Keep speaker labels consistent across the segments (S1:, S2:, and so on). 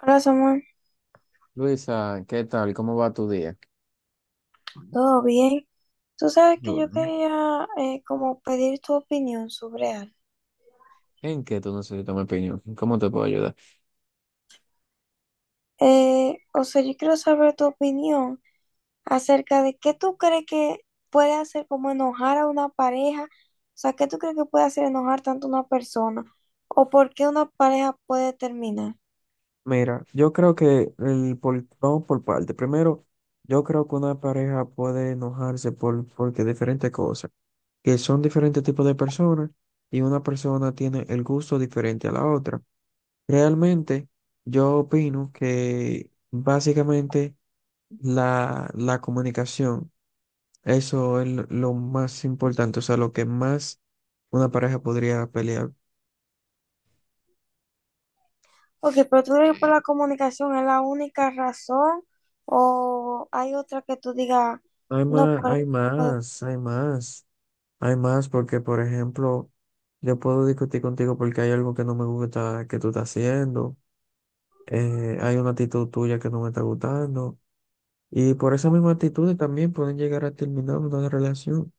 S1: Hola Samuel,
S2: Luisa, ¿qué tal? ¿Cómo va tu día?
S1: ¿todo bien? Tú sabes
S2: Y
S1: que yo
S2: bueno,
S1: quería como pedir tu opinión sobre algo.
S2: ¿en qué tú necesitas mi opinión? ¿Cómo te puedo ayudar?
S1: O sea, yo quiero saber tu opinión acerca de qué tú crees que puede hacer como enojar a una pareja. O sea, qué tú crees que puede hacer enojar tanto a una persona o por qué una pareja puede terminar.
S2: Mira, yo creo que vamos por parte. Primero, yo creo que una pareja puede enojarse porque diferentes cosas, que son diferentes tipos de personas y una persona tiene el gusto diferente a la otra. Realmente, yo opino que básicamente la comunicación. Eso es lo más importante, o sea, lo que más una pareja podría pelear.
S1: Ok, pero tú crees que por la comunicación es la única razón o hay otra que tú digas,
S2: Hay
S1: no,
S2: más,
S1: por...
S2: hay más, hay más, hay más, porque por ejemplo, yo puedo discutir contigo porque hay algo que no me gusta que tú estás haciendo. Hay una actitud tuya que no me está gustando, y por esa misma actitud también pueden llegar a terminar una relación.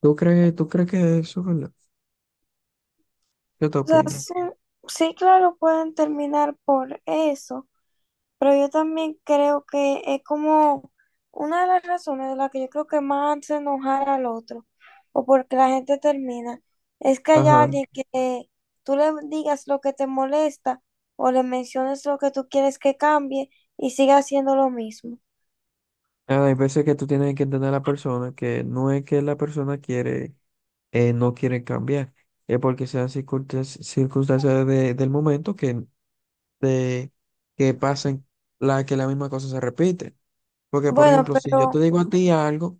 S2: ¿Tú crees que eso es verdad? ¿Qué te
S1: O sea,
S2: opinas?
S1: sí, sí, claro, pueden terminar por eso, pero yo también creo que es como una de las razones de las que yo creo que más hace enojar al otro, o porque la gente termina, es que hay
S2: Ajá.
S1: alguien que tú le digas lo que te molesta o le menciones lo que tú quieres que cambie y siga haciendo lo mismo.
S2: Ah, hay veces que tú tienes que entender a la persona, que no es que la persona quiere, no quiere cambiar, es porque sean circunstancias, del momento que, de, que pasen que la misma cosa se repite. Porque, por
S1: Bueno,
S2: ejemplo, si yo te
S1: pero
S2: digo a ti algo,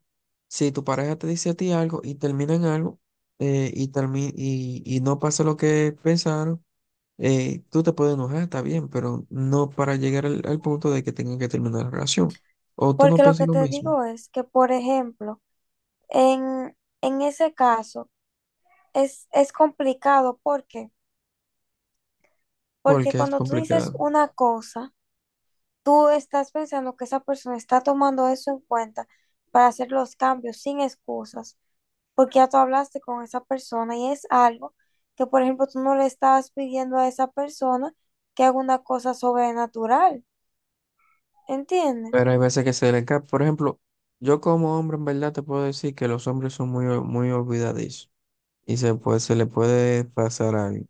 S2: si tu pareja te dice a ti algo y terminan algo, y no pasa lo que pensaron. Tú te puedes enojar, está bien, pero no para llegar al punto de que tengan que terminar la relación. ¿O tú no
S1: porque lo
S2: piensas
S1: que
S2: lo
S1: te
S2: mismo?
S1: digo es que, por ejemplo, en ese caso es complicado porque... Porque
S2: Porque es
S1: cuando tú dices
S2: complicado.
S1: una cosa, tú estás pensando que esa persona está tomando eso en cuenta para hacer los cambios sin excusas, porque ya tú hablaste con esa persona y es algo que, por ejemplo, tú no le estabas pidiendo a esa persona que haga una cosa sobrenatural, ¿entiendes?
S2: Pero hay veces que se le cae. Por ejemplo, yo como hombre, en verdad te puedo decir que los hombres son muy, muy olvidadizos y se le puede pasar algo.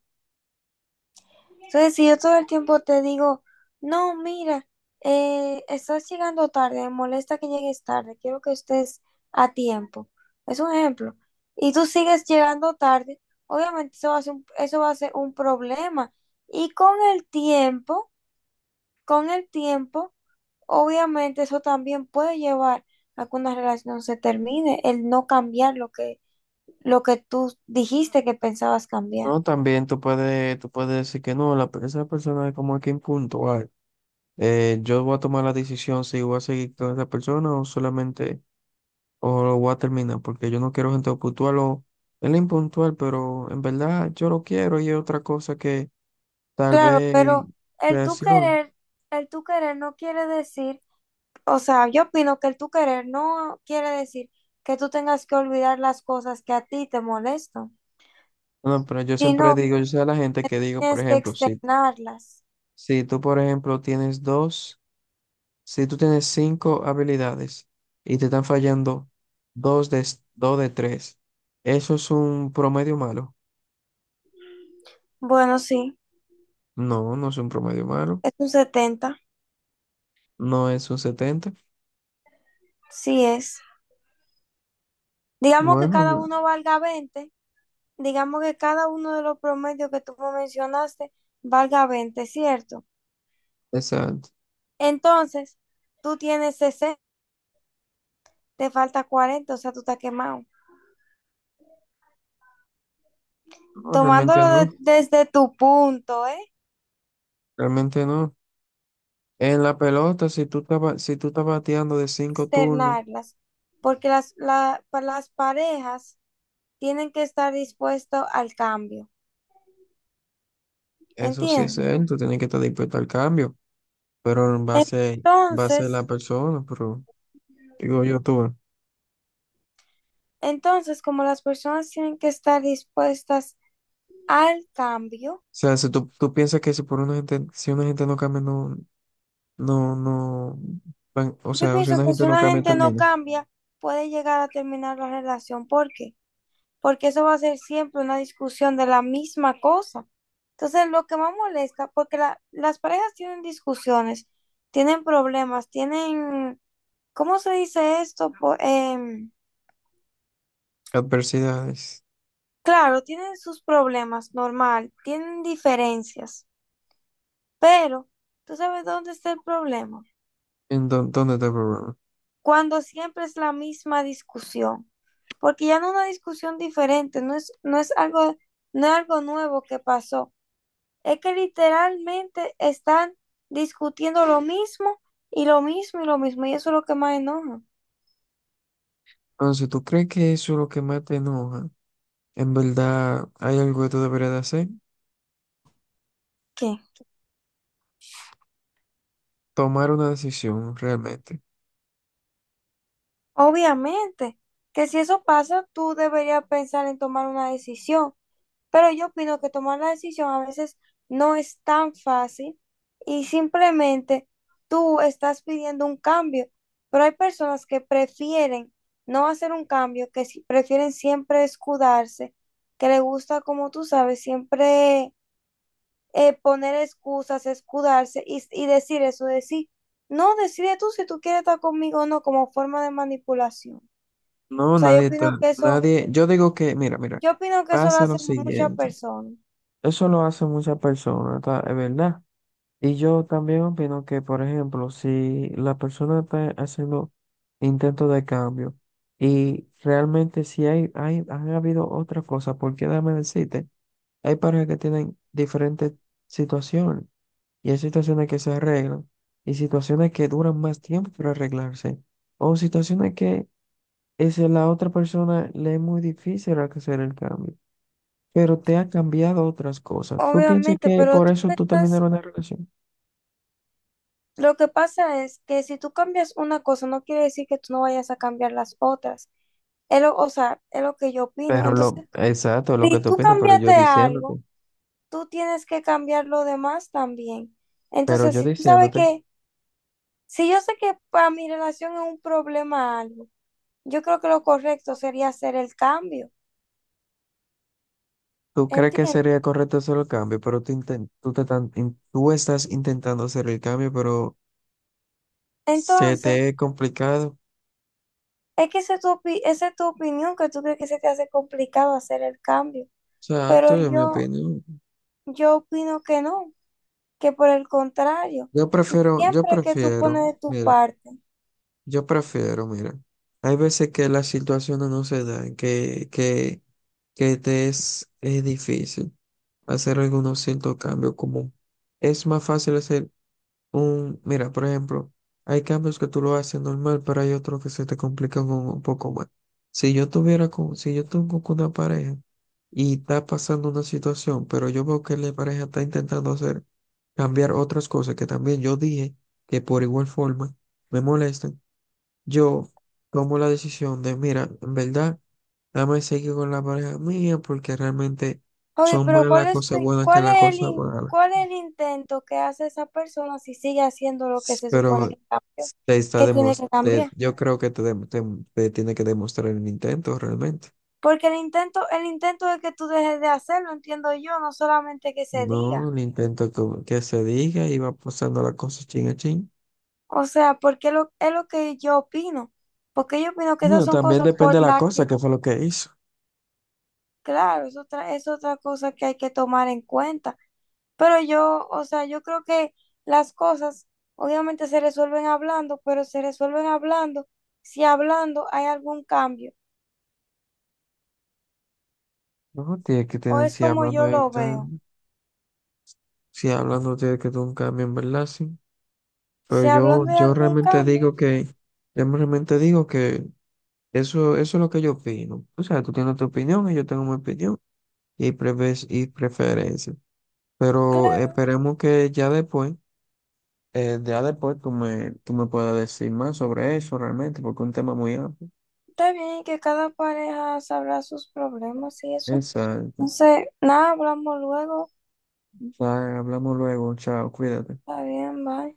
S1: Entonces, si yo todo el tiempo te digo, no, mira, estás llegando tarde, me molesta que llegues tarde, quiero que estés a tiempo. Es un ejemplo. Y tú sigues llegando tarde, obviamente eso va a ser un problema. Y con el tiempo, obviamente eso también puede llevar a que una relación se termine, el no cambiar lo que tú dijiste que pensabas cambiar.
S2: No, también tú puedes decir que no, esa persona es como que impuntual. Yo voy a tomar la decisión si voy a seguir con esa persona o lo voy a terminar, porque yo no quiero gente puntual, o él es impuntual, pero en verdad yo lo quiero y es otra cosa que tal
S1: Claro,
S2: vez
S1: pero el tú
S2: reaccione.
S1: querer, el tú querer no quiere decir, o sea, yo opino que el tú querer no quiere decir que tú tengas que olvidar las cosas que a ti te molestan,
S2: No, pero yo siempre
S1: sino que
S2: digo, yo sé a la gente que digo, por
S1: tienes que
S2: ejemplo, si,
S1: externarlas.
S2: si tú, por ejemplo, si tú tienes cinco habilidades y te están fallando dos de tres, ¿eso es un promedio malo?
S1: Bueno, sí,
S2: No, no es un promedio malo,
S1: es un 70,
S2: no es un 70.
S1: sí es. Digamos que
S2: Bueno,
S1: cada
S2: no,
S1: uno valga 20. Digamos que cada uno de los promedios que tú me mencionaste valga 20, ¿cierto?
S2: exacto.
S1: Entonces, tú tienes 60, te falta 40, o sea, tú estás quemado.
S2: No, realmente
S1: Tomándolo
S2: no,
S1: desde tu punto, ¿eh?
S2: realmente no. En la pelota, si tú estás bateando de cinco turnos,
S1: Externarlas, porque las parejas tienen que estar dispuestas al cambio,
S2: eso sí es
S1: ¿entiendes?
S2: él, tú tienes que estar dispuesto al cambio. Pero en base a
S1: Entonces,
S2: la persona, pero digo yo tú. O
S1: entonces, como las personas tienen que estar dispuestas al cambio.
S2: sea, si tú piensas que si una gente no cambia, no, no, no, o
S1: Yo
S2: sea, si
S1: pienso
S2: una
S1: que si
S2: gente no
S1: una
S2: cambia,
S1: gente no
S2: termina.
S1: cambia, puede llegar a terminar la relación. ¿Por qué? Porque eso va a ser siempre una discusión de la misma cosa. Entonces, lo que más molesta, porque las parejas tienen discusiones, tienen problemas, tienen, ¿cómo se dice esto?
S2: Adversidades.
S1: Claro, tienen sus problemas, normal, tienen diferencias, pero ¿tú sabes dónde está el problema?
S2: ¿Dónde está el problema?
S1: Cuando siempre es la misma discusión. Porque ya no es una discusión diferente, no es algo, no es algo nuevo que pasó, es que literalmente están discutiendo lo mismo y lo mismo y lo mismo, y eso es lo que más enoja.
S2: Entonces, ¿si tú crees que eso es lo que más te enoja? En verdad, hay algo que tú deberías de hacer.
S1: ¿Qué?
S2: Tomar una decisión, realmente.
S1: Obviamente, que si eso pasa, tú deberías pensar en tomar una decisión. Pero yo opino que tomar la decisión a veces no es tan fácil y simplemente tú estás pidiendo un cambio, pero hay personas que prefieren no hacer un cambio, que prefieren siempre escudarse, que le gusta, como tú sabes, siempre poner excusas, escudarse y decir eso, decir, no, decide tú si tú quieres estar conmigo o no, como forma de manipulación. O
S2: No,
S1: sea,
S2: nadie está, nadie, yo digo que, mira, mira,
S1: yo opino que eso lo
S2: pasa lo
S1: hacen muchas
S2: siguiente.
S1: personas.
S2: Eso lo hacen muchas personas, ¿tá? Es verdad. Y yo también opino que, por ejemplo, si la persona está haciendo intentos de cambio y realmente si han habido otras cosas, porque déjame decirte, hay parejas que tienen diferentes situaciones, y hay situaciones que se arreglan y situaciones que duran más tiempo para arreglarse, o situaciones que es la otra persona le es muy difícil hacer el cambio, pero te ha cambiado otras cosas. ¿Tú piensas
S1: Obviamente,
S2: que
S1: pero
S2: por
S1: tú
S2: eso tú
S1: estás,
S2: terminaron una relación?
S1: lo que pasa es que si tú cambias una cosa, no quiere decir que tú no vayas a cambiar las otras. O sea, es lo que yo opino.
S2: Pero lo,
S1: Entonces,
S2: exacto, lo que
S1: si
S2: tú
S1: tú
S2: opinas, pero yo
S1: cambiaste
S2: diciéndote,
S1: algo, tú tienes que cambiar lo demás también.
S2: pero
S1: Entonces,
S2: yo
S1: si tú sabes
S2: diciéndote,
S1: que, si yo sé que para mi relación es un problema algo, yo creo que lo correcto sería hacer el cambio.
S2: tú crees que
S1: ¿Entiendes?
S2: sería correcto hacer el cambio, pero tú, inten- tú, te tan- in- tú estás intentando hacer el cambio, pero se
S1: Entonces,
S2: te es complicado.
S1: es que esa es tu opinión, que tú crees que se te hace complicado hacer el cambio. Pero
S2: Exacto, es mi
S1: yo...
S2: opinión.
S1: Yo opino que no, que por el contrario,
S2: Yo prefiero, yo
S1: siempre que tú pones
S2: prefiero,
S1: de tu
S2: mira,
S1: parte.
S2: yo prefiero, mira, hay veces que las situaciones no se dan, que, es difícil hacer algunos ciertos cambios, como es más fácil hacer mira, por ejemplo, hay cambios que tú lo haces normal, pero hay otros que se te complican un poco más. Si yo tengo con una pareja y está pasando una situación, pero yo veo que la pareja está intentando hacer cambiar otras cosas que también yo dije que por igual forma me molestan, yo tomo la decisión de, mira, en verdad, dame seguir con la pareja mía porque realmente
S1: Oye,
S2: son más
S1: pero ¿cuál
S2: las
S1: es,
S2: cosas buenas que
S1: cuál
S2: las
S1: es el,
S2: cosas malas.
S1: cuál es el intento que hace esa persona si sigue haciendo lo que se
S2: Pero
S1: supone que cambió,
S2: s- te está
S1: que tiene
S2: demos-
S1: que
S2: te-
S1: cambiar?
S2: yo creo que te tiene que demostrar el intento realmente.
S1: Porque el intento es que tú dejes de hacerlo, entiendo yo, no solamente que se
S2: No
S1: diga.
S2: el intento que, se diga y va pasando la cosa chin a chin.
S1: O sea, porque lo, es lo que yo opino. Porque yo opino que esas
S2: Bueno,
S1: son
S2: también
S1: cosas
S2: depende
S1: por
S2: de la
S1: las que,
S2: cosa, que fue lo que hizo.
S1: claro, es otra cosa que hay que tomar en cuenta. Pero yo, o sea, yo creo que las cosas obviamente se resuelven hablando, pero se resuelven hablando si hablando hay algún cambio,
S2: No, tiene que
S1: o
S2: tener,
S1: es
S2: si
S1: como
S2: hablando
S1: yo
S2: de
S1: lo veo.
S2: tan- si hablando tiene que tener un cambio en verdad, sí. Pero
S1: Si
S2: yo,
S1: hablando hay algún
S2: realmente
S1: cambio,
S2: digo que, yo realmente digo que eso, es lo que yo opino. O sea, tú tienes tu opinión y yo tengo mi opinión y preferencia. Pero
S1: claro,
S2: esperemos que ya después tú me puedas decir más sobre eso realmente, porque es un tema muy amplio.
S1: está bien que cada pareja sabrá sus problemas y eso. No
S2: Exacto.
S1: sé, nada, hablamos luego.
S2: O sea, hablamos luego. Chao, cuídate.
S1: Está bien, bye.